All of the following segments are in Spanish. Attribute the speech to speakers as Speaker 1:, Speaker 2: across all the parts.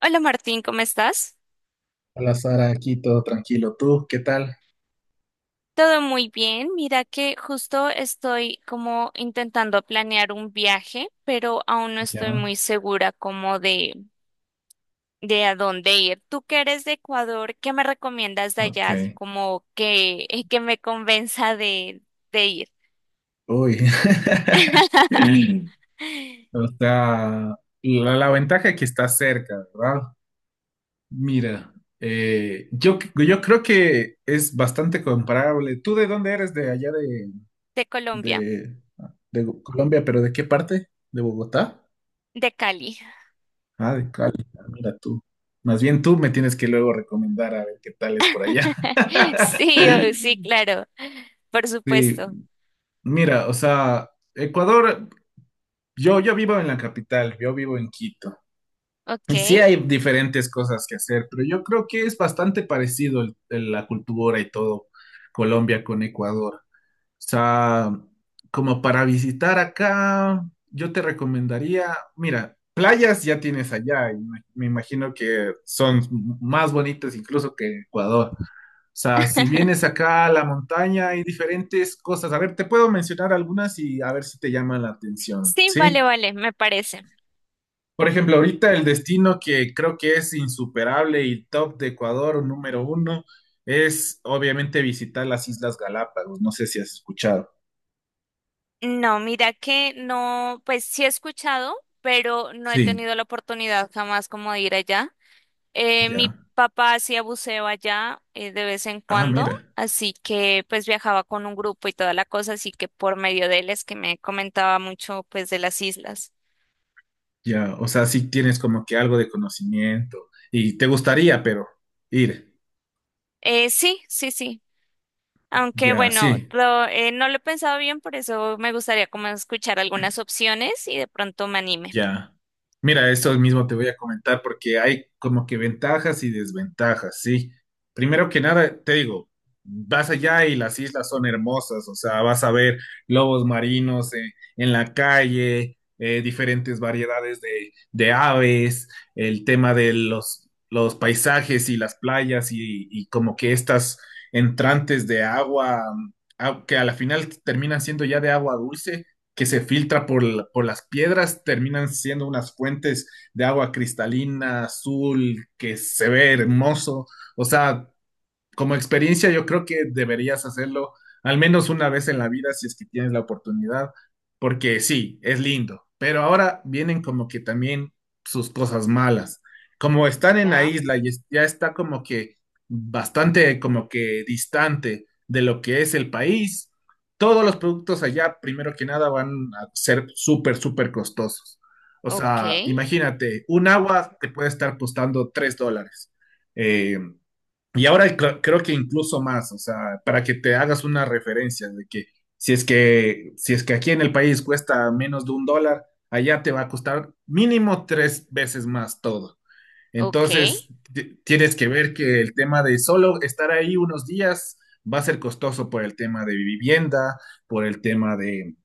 Speaker 1: Hola Martín, ¿cómo estás?
Speaker 2: Hola Sara, aquí todo tranquilo. ¿Tú qué tal?
Speaker 1: Todo muy bien. Mira que justo estoy como intentando planear un viaje, pero aún no estoy
Speaker 2: Ya,
Speaker 1: muy segura como de a dónde ir. Tú que eres de Ecuador, ¿qué me recomiendas de allá? Así
Speaker 2: ok.
Speaker 1: como que, que me convenza de ir.
Speaker 2: Uy. O sea, la ventaja es que está cerca, ¿verdad? Mira, yo creo que es bastante comparable. ¿Tú de dónde eres?
Speaker 1: De Colombia,
Speaker 2: De, de Colombia, pero ¿de qué parte? ¿De Bogotá?
Speaker 1: de Cali.
Speaker 2: Ah, de Cali. Ah, mira tú. Más bien tú me tienes que luego recomendar a ver qué tal es por allá.
Speaker 1: Sí, sí, claro. Por
Speaker 2: Sí,
Speaker 1: supuesto.
Speaker 2: mira, o sea, Ecuador, yo vivo en la capital, yo vivo en Quito.
Speaker 1: Ok.
Speaker 2: Y sí hay diferentes cosas que hacer, pero yo creo que es bastante parecido la cultura y todo Colombia con Ecuador. O sea, como para visitar acá, yo te recomendaría, mira, playas ya tienes allá, y me imagino que son más bonitas incluso que Ecuador sea, si vienes acá a la montaña hay diferentes cosas. A ver, te puedo mencionar algunas y a ver si te llama la atención,
Speaker 1: Sí, vale,
Speaker 2: ¿sí?
Speaker 1: vale, me parece.
Speaker 2: Por ejemplo, ahorita el destino que creo que es insuperable y top de Ecuador, número uno, es obviamente visitar las Islas Galápagos. No sé si has escuchado.
Speaker 1: No, mira que no, pues sí he escuchado, pero no he
Speaker 2: Sí,
Speaker 1: tenido la oportunidad jamás como de ir allá. Mi
Speaker 2: ya.
Speaker 1: papá hacía buceo allá de vez en
Speaker 2: Ah,
Speaker 1: cuando,
Speaker 2: mira,
Speaker 1: así que pues viajaba con un grupo y toda la cosa, así que por medio de él es que me comentaba mucho pues de las islas.
Speaker 2: ya. O sea, sí tienes como que algo de conocimiento y te gustaría, pero ir.
Speaker 1: Sí, sí, sí. Aunque
Speaker 2: Ya,
Speaker 1: bueno,
Speaker 2: sí.
Speaker 1: no lo he pensado bien, por eso me gustaría como escuchar algunas opciones y de pronto me anime.
Speaker 2: Ya. Mira, esto mismo te voy a comentar porque hay como que ventajas y desventajas, ¿sí? Primero que nada, te digo, vas allá y las islas son hermosas, o sea, vas a ver lobos marinos en la calle, diferentes variedades de aves, el tema de los paisajes y las playas y como que estas entrantes de agua, que a la final terminan siendo ya de agua dulce que se filtra por, por las piedras, terminan siendo unas fuentes de agua cristalina, azul, que se ve hermoso. O sea, como experiencia, yo creo que deberías hacerlo al menos una vez en la vida si es que tienes la oportunidad, porque sí, es lindo, pero ahora vienen como que también sus cosas malas. Como están en la
Speaker 1: Ya,
Speaker 2: isla y ya está como que bastante como que distante de lo que es el país, todos los productos allá, primero que nada, van a ser súper, súper costosos. O
Speaker 1: ok,
Speaker 2: sea, imagínate, un agua te puede estar costando $3 eh, y ahora creo que incluso más, o sea, para que te hagas una referencia de que si es que aquí en el país cuesta menos de $1, allá te va a costar mínimo tres veces más todo.
Speaker 1: ok,
Speaker 2: Entonces, tienes que ver que el tema de solo estar ahí unos días va a ser costoso por el tema de vivienda, por el tema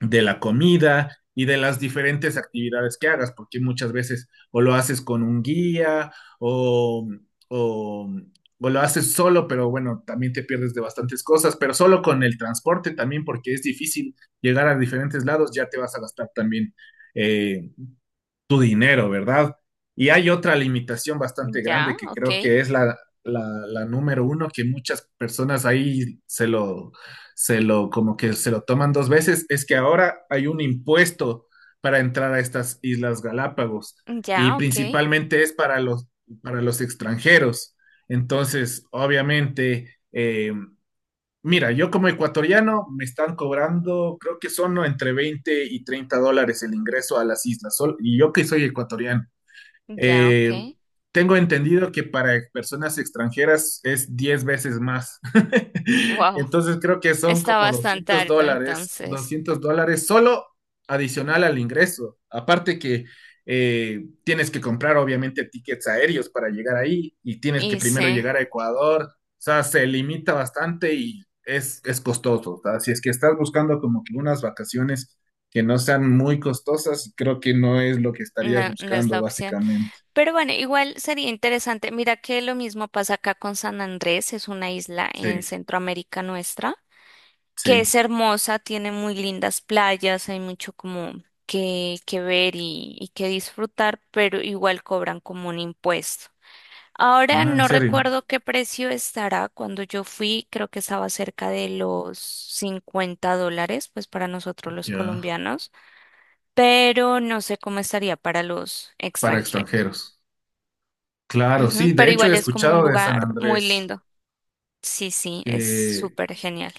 Speaker 2: de la comida y de las diferentes actividades que hagas, porque muchas veces o lo haces con un guía o, o, o lo haces solo, pero bueno, también te pierdes de bastantes cosas, pero solo con el transporte también, porque es difícil llegar a diferentes lados, ya te vas a gastar también eh, tu dinero, ¿verdad? Y hay otra limitación bastante
Speaker 1: ya,
Speaker 2: grande que
Speaker 1: ok.
Speaker 2: creo que es la, la número uno, que muchas personas ahí como que se lo toman dos veces, es que ahora hay un impuesto para entrar a estas Islas Galápagos y
Speaker 1: Ya, ok,
Speaker 2: principalmente es para para los extranjeros. Entonces, obviamente, mira, yo como ecuatoriano me están cobrando, creo que son entre 20 y 30 dólares el ingreso a las islas, y yo que soy ecuatoriano.
Speaker 1: ya,
Speaker 2: Eh,
Speaker 1: ok.
Speaker 2: tengo entendido que para personas extranjeras es 10 veces más.
Speaker 1: Wow,
Speaker 2: Entonces creo que son
Speaker 1: está
Speaker 2: como
Speaker 1: bastante
Speaker 2: 200
Speaker 1: alto
Speaker 2: dólares,
Speaker 1: entonces.
Speaker 2: $200 solo adicional al ingreso. Aparte que tienes que comprar obviamente tickets aéreos para llegar ahí y tienes que
Speaker 1: Y
Speaker 2: primero
Speaker 1: sí,
Speaker 2: llegar a Ecuador. O sea, se limita bastante y es costoso. O sea, si es que estás buscando como que unas vacaciones que no sean muy costosas, creo que no es lo que estarías
Speaker 1: no, no es
Speaker 2: buscando
Speaker 1: la opción.
Speaker 2: básicamente.
Speaker 1: Pero bueno, igual sería interesante. Mira que lo mismo pasa acá con San Andrés, es una isla en
Speaker 2: Sí,
Speaker 1: Centroamérica nuestra, que
Speaker 2: sí.
Speaker 1: es hermosa, tiene muy lindas playas, hay mucho como que ver y que disfrutar, pero igual cobran como un impuesto. Ahora
Speaker 2: Ah, ¿en
Speaker 1: no
Speaker 2: serio?
Speaker 1: recuerdo qué precio estará. Cuando yo fui, creo que estaba cerca de los $50, pues para nosotros los
Speaker 2: Ya.
Speaker 1: colombianos, pero no sé cómo estaría para los
Speaker 2: Para
Speaker 1: extranjeros.
Speaker 2: extranjeros. Claro,
Speaker 1: Ujú,
Speaker 2: sí. De
Speaker 1: pero
Speaker 2: hecho, he
Speaker 1: igual es como un
Speaker 2: escuchado de San
Speaker 1: lugar muy
Speaker 2: Andrés
Speaker 1: lindo. Sí, sí, es
Speaker 2: que,
Speaker 1: súper genial.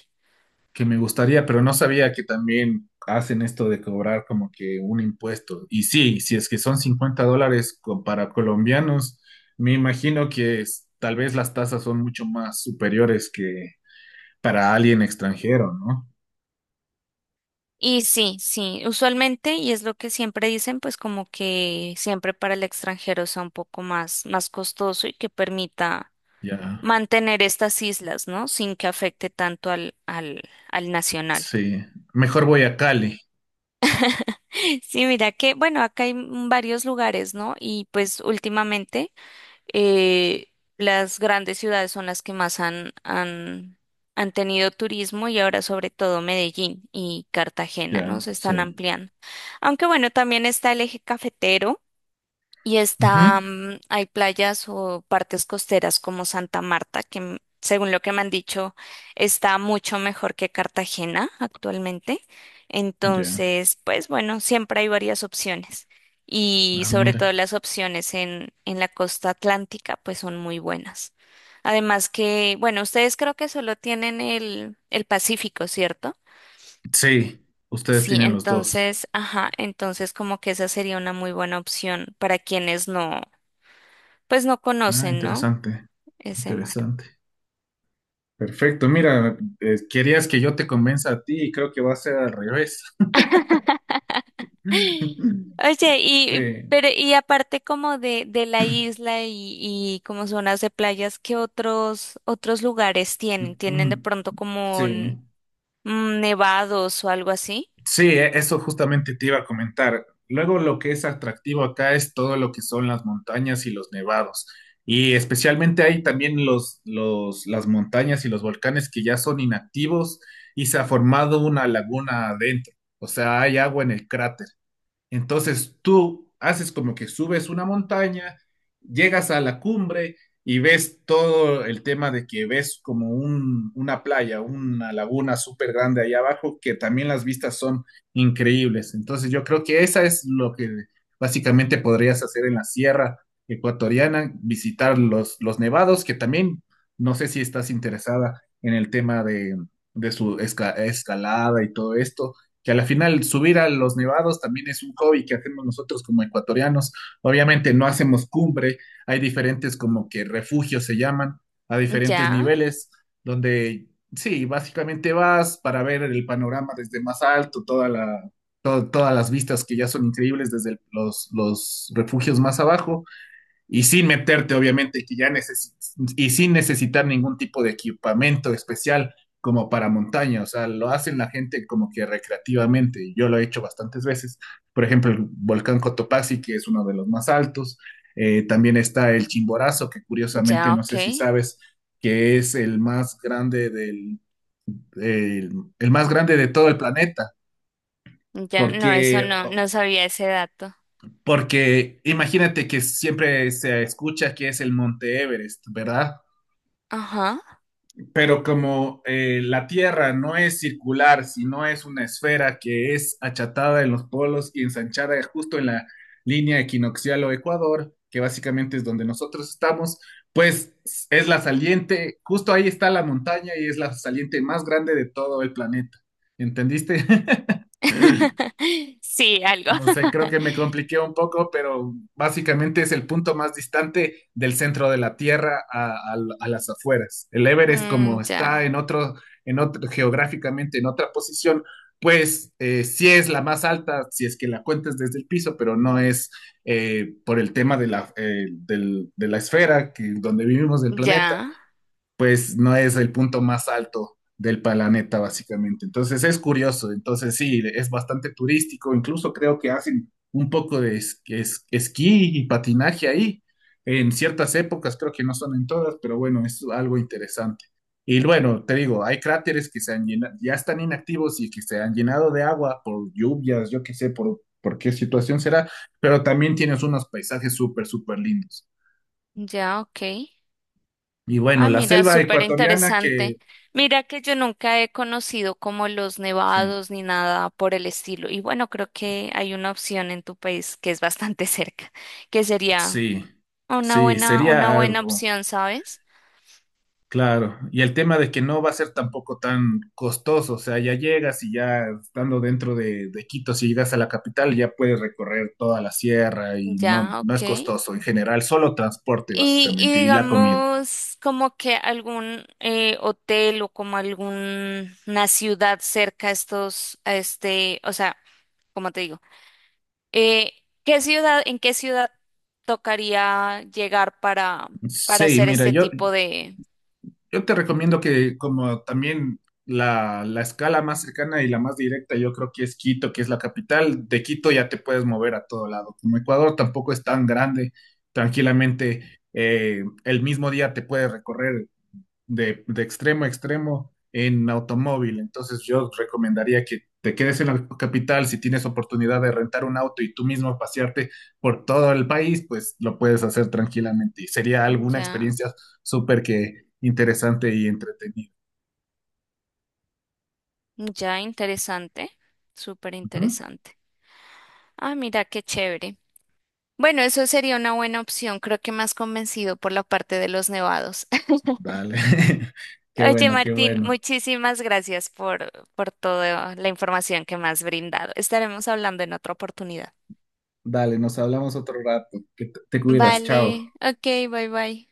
Speaker 2: que me gustaría, pero no sabía que también hacen esto de cobrar como que un impuesto. Y sí, si es que son $50 para colombianos, me imagino que tal vez las tasas son mucho más superiores que para alguien extranjero, ¿no?
Speaker 1: Y sí, sí, usualmente, y es lo que siempre dicen, pues como que siempre para el extranjero sea un poco más, más costoso y que permita
Speaker 2: Ya.
Speaker 1: mantener estas islas, ¿no? Sin que afecte tanto al nacional.
Speaker 2: Sí. Mejor voy a Cali.
Speaker 1: Sí, mira que, bueno, acá hay varios lugares, ¿no? Y pues últimamente eh, las grandes ciudades son las que más han tenido turismo y ahora sobre todo Medellín y Cartagena, ¿no?
Speaker 2: Ya,
Speaker 1: Se están
Speaker 2: sí.
Speaker 1: ampliando. Aunque bueno, también está el eje cafetero. Y
Speaker 2: Ujú.
Speaker 1: está, hay playas o partes costeras como Santa Marta, que según lo que me han dicho, está mucho mejor que Cartagena actualmente.
Speaker 2: Ya.
Speaker 1: Entonces, pues bueno, siempre hay varias opciones. Y
Speaker 2: Ah,
Speaker 1: sobre todo
Speaker 2: mira.
Speaker 1: las opciones en la costa atlántica, pues son muy buenas. Además que, bueno, ustedes creo que solo tienen el Pacífico, ¿cierto?
Speaker 2: Sí, ustedes
Speaker 1: Sí,
Speaker 2: tienen los dos.
Speaker 1: entonces, ajá, entonces como que esa sería una muy buena opción para quienes no pues no
Speaker 2: Ah,
Speaker 1: conocen, ¿no?
Speaker 2: interesante,
Speaker 1: Ese mar.
Speaker 2: interesante. Perfecto, mira, querías que yo te convenza a ti y creo que va a ser al revés.
Speaker 1: Oye, y
Speaker 2: Sí.
Speaker 1: pero y aparte como de la isla y como zonas de playas, ¿qué otros lugares
Speaker 2: Mm,
Speaker 1: tienen? ¿Tienen de
Speaker 2: mm,
Speaker 1: pronto como
Speaker 2: sí.
Speaker 1: nevados o algo así?
Speaker 2: Sí, eso justamente te iba a comentar. Luego lo que es atractivo acá es todo lo que son las montañas y los nevados. Y especialmente hay también las montañas y los volcanes que ya son inactivos y se ha formado una laguna adentro. O sea, hay agua en el cráter. Entonces tú haces como que subes una montaña, llegas a la cumbre y ves todo el tema de que ves como una playa, una laguna súper grande ahí abajo, que también las vistas son increíbles. Entonces yo creo que esa es lo que básicamente podrías hacer en la sierra ecuatoriana, visitar los nevados, que también no sé si estás interesada en el tema de su escalada y todo esto que a la final subir a los nevados también es un hobby que hacemos nosotros como ecuatorianos. Obviamente no hacemos cumbre, hay diferentes como que refugios se llaman, a diferentes
Speaker 1: Ya,
Speaker 2: niveles, donde sí, básicamente vas para ver el panorama desde más alto, todas las vistas que ya son increíbles desde los refugios más abajo, y sin meterte, obviamente, que ya necesitas, y sin necesitar ningún tipo de equipamiento especial como para montaña, o sea, lo hacen la gente como que recreativamente, y yo lo he hecho bastantes veces, por ejemplo, el volcán Cotopaxi, que es uno de los más altos, también está el Chimborazo, que curiosamente,
Speaker 1: ya,
Speaker 2: no
Speaker 1: ok.
Speaker 2: sé si sabes, que es el más grande el, el más grande de todo el planeta,
Speaker 1: Ya, no, eso
Speaker 2: porque,
Speaker 1: no, no sabía ese dato.
Speaker 2: porque imagínate que siempre se escucha que es el Monte Everest, ¿verdad?
Speaker 1: Ajá.
Speaker 2: Pero como la Tierra no es circular, sino es una esfera que es achatada en los polos y ensanchada justo en la línea equinoccial o ecuador, que básicamente es donde nosotros estamos, pues es la saliente, justo ahí está la montaña y es la saliente más grande de todo el planeta. ¿Entendiste?
Speaker 1: Sí, algo.
Speaker 2: No sé, creo que me compliqué un poco, pero básicamente es el punto más distante del centro de la Tierra a, a las afueras. El Everest, como está
Speaker 1: Ya,
Speaker 2: en otro, geográficamente en otra posición, pues sí es la más alta, si es que la cuentas desde el piso, pero no es por el tema de la, de la esfera que, donde vivimos del planeta
Speaker 1: ya,
Speaker 2: pues no es el punto más alto del planeta, básicamente. Entonces es curioso, entonces sí, es bastante turístico, incluso creo que hacen un poco de esquí y patinaje ahí, en ciertas épocas, creo que no son en todas, pero bueno, es algo interesante. Y bueno, te digo, hay cráteres que se han llenado, ya están inactivos y que se han llenado de agua por lluvias, yo qué sé, por qué situación será, pero también tienes unos paisajes súper, súper lindos.
Speaker 1: ya, ok.
Speaker 2: Y bueno,
Speaker 1: Ah,
Speaker 2: la
Speaker 1: mira,
Speaker 2: selva
Speaker 1: súper
Speaker 2: ecuatoriana que...
Speaker 1: interesante. Mira que yo nunca he conocido como los
Speaker 2: Sí.
Speaker 1: nevados ni nada por el estilo. Y bueno, creo que hay una opción en tu país que es bastante cerca, que sería
Speaker 2: Sí, sí,
Speaker 1: una
Speaker 2: sería
Speaker 1: buena
Speaker 2: algo,
Speaker 1: opción, ¿sabes?
Speaker 2: claro. Y el tema de que no va a ser tampoco tan costoso, o sea, ya llegas y ya estando dentro de Quito, si llegas a la capital, ya puedes recorrer toda la sierra y no,
Speaker 1: Ya,
Speaker 2: no
Speaker 1: ok.
Speaker 2: es costoso en general, solo transporte
Speaker 1: Y
Speaker 2: básicamente y la comida.
Speaker 1: digamos como que algún hotel o como alguna ciudad cerca a estos, a este, o sea, como te digo? Eh, ¿Qué ciudad, en qué ciudad tocaría llegar para
Speaker 2: Sí,
Speaker 1: hacer
Speaker 2: mira,
Speaker 1: este tipo de...
Speaker 2: yo te recomiendo que como también la escala más cercana y la más directa, yo creo que es Quito, que es la capital. De Quito ya te puedes mover a todo lado. Como Ecuador tampoco es tan grande, tranquilamente el mismo día te puedes recorrer de extremo a extremo en automóvil. Entonces yo recomendaría que te quedes en la capital si tienes oportunidad de rentar un auto y tú mismo pasearte por todo el país, pues lo puedes hacer tranquilamente y sería alguna
Speaker 1: Ya,
Speaker 2: experiencia súper que interesante y entretenida.
Speaker 1: ya, interesante, súper
Speaker 2: Ujú.
Speaker 1: interesante. Ah, mira, qué chévere. Bueno, eso sería una buena opción. Creo que más convencido por la parte de los nevados.
Speaker 2: Dale, qué
Speaker 1: Oye,
Speaker 2: bueno, qué
Speaker 1: Martín,
Speaker 2: bueno.
Speaker 1: muchísimas gracias por toda la información que me has brindado. Estaremos hablando en otra oportunidad.
Speaker 2: Dale, nos hablamos otro rato. Que te cuidas, chao.
Speaker 1: Vale, ok, bye bye.